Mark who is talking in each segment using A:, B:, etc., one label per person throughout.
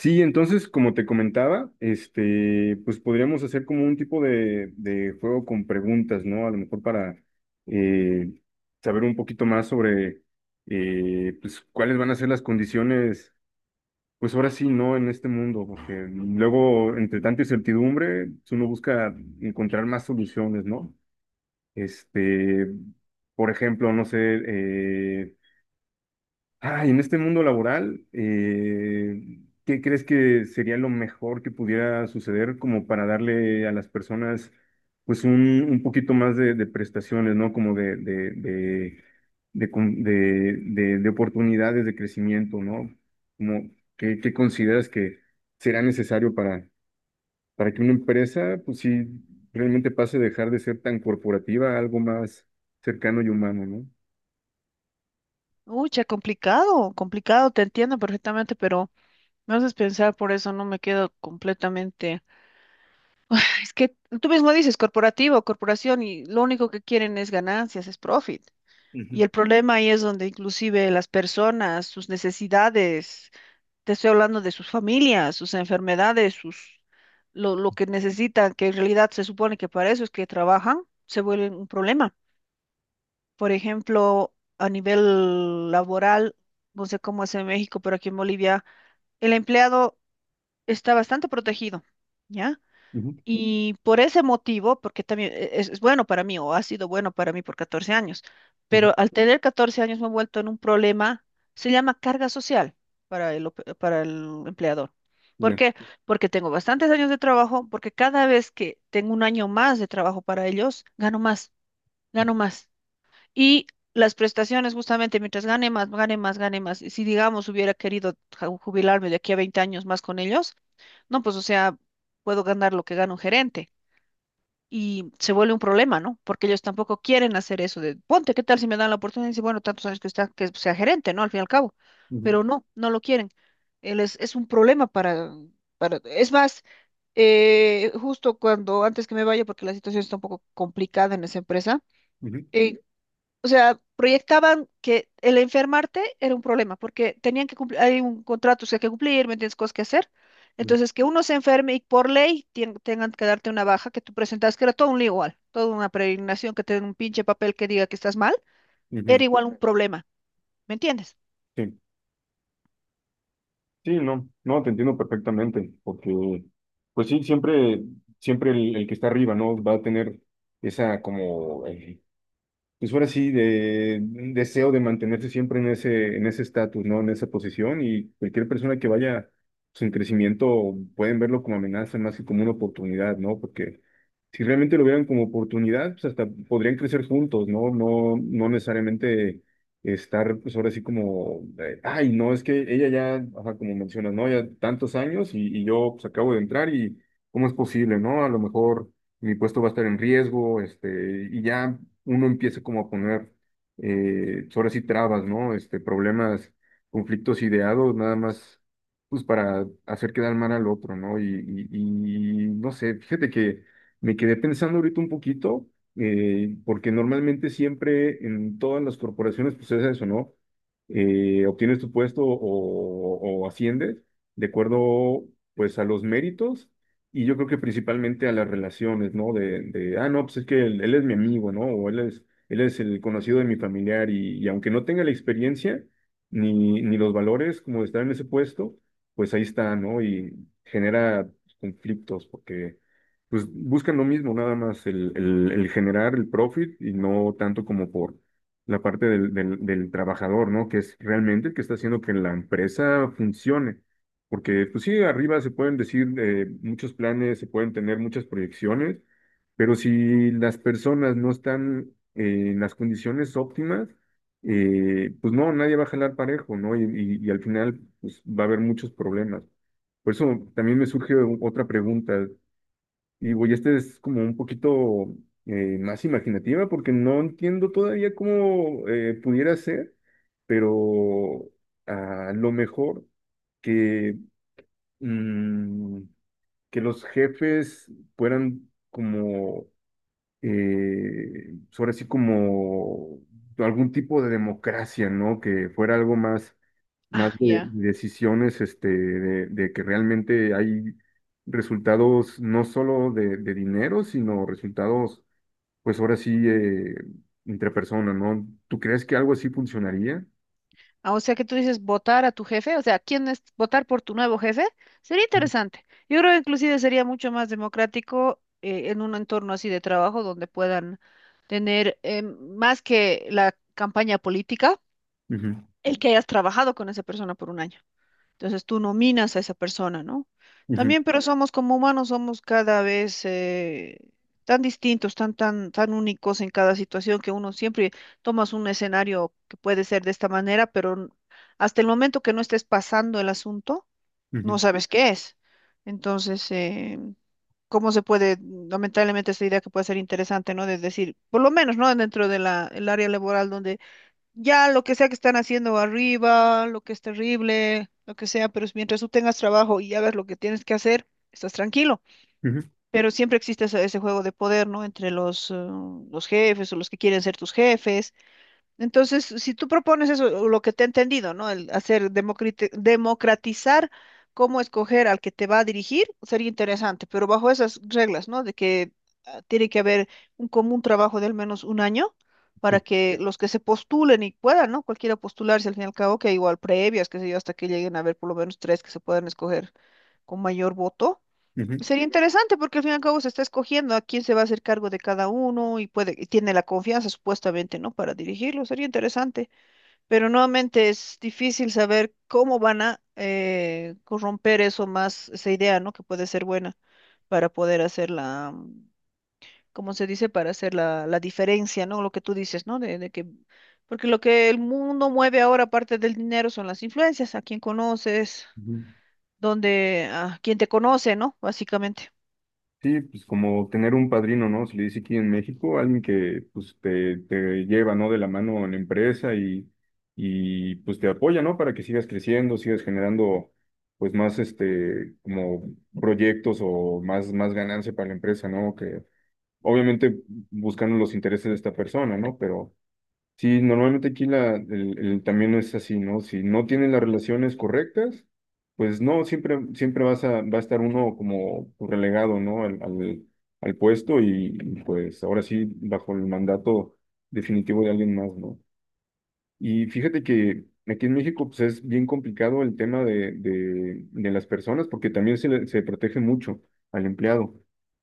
A: Sí, entonces, como te comentaba, este, pues podríamos hacer como un tipo de juego con preguntas, ¿no? A lo mejor para eh, saber un poquito más sobre, pues, cuáles van a ser las condiciones, pues ahora sí, ¿no? En este mundo, porque luego, entre tanta incertidumbre, pues, uno busca encontrar más soluciones, ¿no? Este, por ejemplo, no sé, eh, ah, y en este mundo laboral, ¿qué crees que sería lo mejor que pudiera suceder como para darle a las personas pues un poquito más de prestaciones, ¿no? Como de, con- de, de oportunidades de crecimiento, ¿no? Como, ¿qué consideras que será necesario para que una empresa pues sí realmente pase a dejar de ser tan corporativa a algo más cercano y humano, ¿no?
B: Uy, ya complicado, complicado, te entiendo perfectamente, pero me haces pensar, por eso no me quedo completamente. Es que tú mismo dices corporativo, corporación, y lo único que quieren es ganancias, es profit. Y el problema ahí es donde inclusive las personas, sus necesidades, te estoy hablando de sus familias, sus enfermedades, lo que necesitan, que en realidad se supone que para eso es que trabajan, se vuelven un problema. Por ejemplo, a nivel laboral, no sé cómo es en México, pero aquí en Bolivia, el empleado está bastante protegido, ¿ya?
A: Ujú.
B: Y por ese motivo, porque también es bueno para mí, o ha sido bueno para mí por 14 años,
A: Ujú.
B: pero al tener 14 años me he vuelto en un problema, se llama carga social para el empleador. ¿Por
A: Ya.
B: qué? Porque tengo bastantes años de trabajo, porque cada vez que tengo un año más de trabajo para ellos, gano más, gano más. Y las prestaciones, justamente, mientras gane más, gane más, gane más. Y si, digamos, hubiera querido jubilarme de aquí a 20 años más con ellos, no, pues, o sea, puedo ganar lo que gana un gerente. Y se vuelve un problema, ¿no? Porque ellos tampoco quieren hacer eso de, ponte, ¿qué tal si me dan la oportunidad? Y dice, bueno, tantos años que está, que sea gerente, ¿no? Al fin y al cabo.
A: Ujú.
B: Pero no, no lo quieren. Él es un problema para, es más, justo cuando, antes que me vaya, porque la situación está un poco complicada en esa empresa,
A: Ujú.
B: eh, o sea, proyectaban que el enfermarte era un problema, porque tenían que cumplir, hay un contrato que hay que cumplir, ¿me entiendes? Cosas que hacer.
A: Ujú.
B: Entonces, que uno se enferme y por ley tengan que darte una baja que tú presentas, que era todo un lío igual, toda una peregrinación que te den un pinche papel que diga que estás mal,
A: Ujú.
B: era igual un Ujú. Problema, ¿me entiendes?
A: Sí, sí, no, no, te entiendo perfectamente, porque, pues sí, siempre el que está arriba, ¿no? Va a tener esa como pues ahora sí, de un deseo de mantenerse siempre en ese estatus, ¿no? En esa posición, y cualquier persona que vaya pues, en crecimiento pueden verlo como amenaza más que como una oportunidad, ¿no? Porque si realmente lo vieran como oportunidad, pues hasta podrían crecer juntos, ¿no? No, no necesariamente estar, pues ahora sí como, ay, no, es que ella ya, ajá, como mencionas, ¿no? Ya tantos años, y yo pues acabo de entrar, y ¿cómo es posible?, ¿no? A lo mejor mi puesto va a estar en riesgo, este, y ya uno empieza como a poner, pues, ahora sí, trabas, ¿no? Este, problemas, conflictos ideados, nada más, pues para hacer quedar mal al otro, ¿no? Y, y no sé, fíjate que me quedé pensando ahorita un poquito, porque normalmente siempre en todas las corporaciones, pues es eso, ¿no? Obtienes tu puesto o asciendes de acuerdo, pues, a los méritos, y yo creo que principalmente a las relaciones, ¿no? De ah, no, pues es que él es mi amigo, ¿no? O él es el conocido de mi familiar, y aunque no tenga la experiencia ni los valores como de estar en ese puesto, pues ahí está, ¿no? Y genera conflictos porque pues buscan lo mismo, nada más el generar el profit y no tanto como por la parte del trabajador, ¿no? Que es realmente el que está haciendo que la empresa funcione. Porque, pues sí, arriba se pueden decir muchos planes, se pueden tener muchas proyecciones, pero si las personas no están en las condiciones óptimas, pues no, nadie va a jalar parejo, ¿no? Y al final, pues va a haber muchos problemas. Por eso también me surge otra pregunta. Y, güey, esta es como un poquito más imaginativa, porque no entiendo todavía cómo pudiera ser, pero a lo mejor que mm, que los jefes fueran como, sobre así como algún tipo de democracia, ¿no? Que fuera algo más
B: Ah,
A: de
B: ya.
A: decisiones, este, de que realmente hay resultados no solo de dinero, sino resultados, pues ahora sí, entre personas, ¿no? ¿Tú crees que algo así funcionaría?
B: Ah, o sea que tú dices votar a tu jefe, o sea, ¿quién es votar por tu nuevo jefe? Sería
A: Ujú.
B: interesante. Yo creo que inclusive sería mucho más democrático en un entorno así de trabajo donde puedan tener, más que la campaña política, el que hayas trabajado con esa persona por un año. Entonces tú nominas a esa persona, ¿no?
A: Ujú.
B: También, pero somos como humanos, somos cada vez tan distintos, tan, tan, tan únicos en cada situación que uno siempre tomas un escenario que puede ser de esta manera, hasta el momento que no estés pasando el asunto, no
A: Ujú.
B: sabes qué es. Entonces, ¿cómo se puede, lamentablemente, esta idea que puede ser interesante, no? De decir, por lo menos, ¿no? Dentro de el área laboral donde ya lo que sea que están haciendo arriba, lo que es terrible, lo que sea, pero es mientras tú tengas trabajo y hagas lo que tienes que hacer, estás tranquilo.
A: Ujú.
B: Pero siempre existe ese juego de poder, ¿no? Entre los jefes o los que quieren ser tus jefes. Entonces, si tú propones eso, o lo que te he entendido, ¿no? El hacer democratizar cómo escoger al que te va a dirigir sería interesante, pero bajo esas reglas, ¿no? De que ah, tiene que haber un común trabajo de al menos un año
A: Ujú.
B: para que los que se postulen y puedan, ¿no? Cualquiera postularse al fin y al cabo, que igual previas, qué sé yo, hasta que lleguen a haber por lo menos tres que se puedan escoger con mayor voto.
A: Ujú.
B: Sería interesante porque al fin y al cabo se está escogiendo a quién se va a hacer cargo de cada uno y tiene la confianza supuestamente, ¿no? Para dirigirlo, sería interesante. Pero nuevamente es difícil saber cómo van a corromper eso más, esa idea, ¿no? Que puede ser buena para poder hacer la, ¿cómo se dice? Para hacer la diferencia, ¿no? Lo que tú dices, ¿no? De que, porque lo que el mundo mueve ahora, aparte del dinero, son las influencias, a quién conoces,
A: Ujú.
B: dónde, a quién te conoce, ¿no? Básicamente.
A: Sí, pues como tener un padrino, ¿no? Se le dice aquí en México, alguien que pues te lleva, ¿no? De la mano en la empresa, y pues te apoya, ¿no? Para que sigas creciendo, sigas generando pues más este, como proyectos o más ganancia para la empresa, ¿no? Que obviamente buscando los intereses de esta persona, ¿no? Pero sí, normalmente aquí el camino es así, ¿no? Si no tienen las relaciones correctas, pues no, siempre vas a, va a estar uno como relegado, ¿no? Al puesto, y, pues ahora sí, bajo el mandato definitivo de alguien más, ¿no? Y fíjate que aquí en México pues, es bien complicado el tema de las personas, porque también se protege mucho al empleado,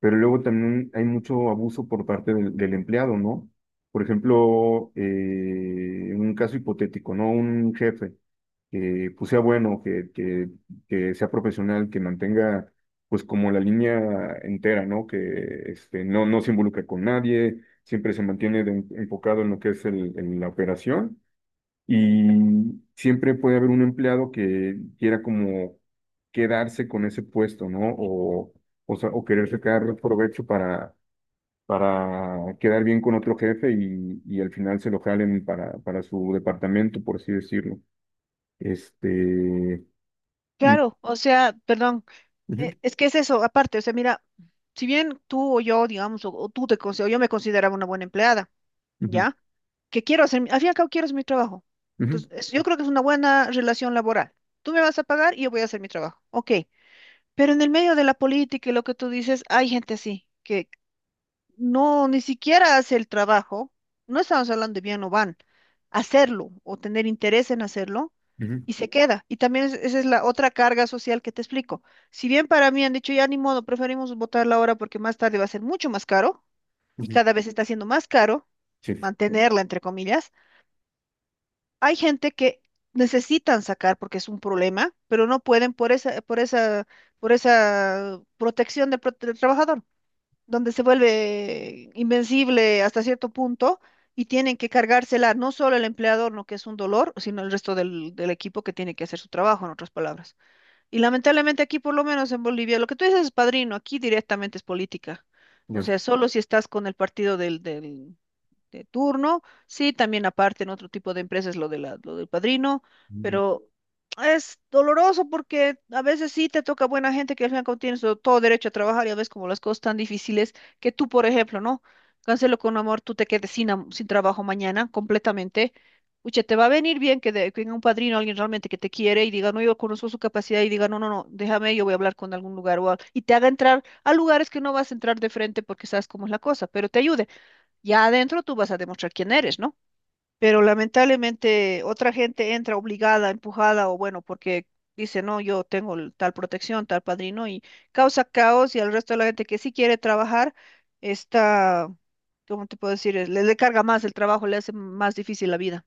A: pero luego también hay mucho abuso por parte del empleado, ¿no? Por ejemplo, un caso hipotético, ¿no? Un jefe que pues, sea bueno, que sea profesional, que mantenga pues como la línea entera, ¿no? Que este, no, no se involucra con nadie, siempre se mantiene enfocado en lo que es en la operación, y siempre puede haber un empleado que quiera como quedarse con ese puesto, ¿no? O sea, o querer sacar provecho para quedar bien con otro jefe, y al final se lo jalen para su departamento, por así decirlo. Este, y...
B: Claro, o sea, perdón,
A: Ujú.
B: es que es eso, aparte, o sea, mira, si bien tú o yo, digamos, o tú te considero, yo me consideraba una buena empleada,
A: Ujú.
B: ¿ya? Que quiero hacer, al fin y al cabo quiero hacer mi trabajo.
A: Ujú.
B: Entonces, yo creo que es una buena relación laboral. Tú me vas a pagar y yo voy a hacer mi trabajo, ok. Pero en el medio de la política y lo que tú dices, hay gente así, no, ni siquiera hace el trabajo, no estamos hablando de bien o van, hacerlo o tener interés en hacerlo
A: Ujú.
B: y se queda. Y también esa es la otra carga social que te explico. Si bien para mí han dicho ya ni modo, preferimos votarla ahora porque más tarde va a ser mucho más caro y
A: Ujú.
B: cada vez está siendo más caro
A: Sí,
B: mantenerla, entre comillas, hay gente que necesitan sacar porque es un problema, pero no pueden por esa protección de del trabajador donde se vuelve invencible hasta cierto punto y tienen que cargársela no solo el empleador, no que es un dolor, sino el resto del equipo que tiene que hacer su trabajo, en otras palabras. Y lamentablemente aquí, por lo menos en Bolivia, lo que tú dices es padrino, aquí directamente es política. O sea,
A: ya.
B: solo si estás con el partido de turno. Sí, también aparte en otro tipo de empresas lo de lo del padrino, pero es doloroso porque a veces sí te toca buena gente que al final como tienes todo todo derecho a trabajar y a veces como las cosas tan difíciles que tú, por ejemplo, ¿no? Cancelo con amor, tú te quedes sin trabajo mañana completamente. Uche, te va a venir bien que, que venga un padrino, alguien realmente que te quiere y diga, no, yo conozco su capacidad y diga, no, no, no, déjame, yo voy a hablar con algún lugar y te haga entrar a lugares que no vas a entrar de frente porque sabes cómo es la cosa, pero te ayude. Ya adentro tú vas a demostrar quién eres, ¿no? Pero lamentablemente otra gente entra obligada, empujada o bueno, porque dice, no, yo tengo tal protección, tal padrino y causa caos y al resto de la gente que sí quiere trabajar está, ¿cómo te puedo decir? Le carga más el trabajo, le hace más difícil la vida.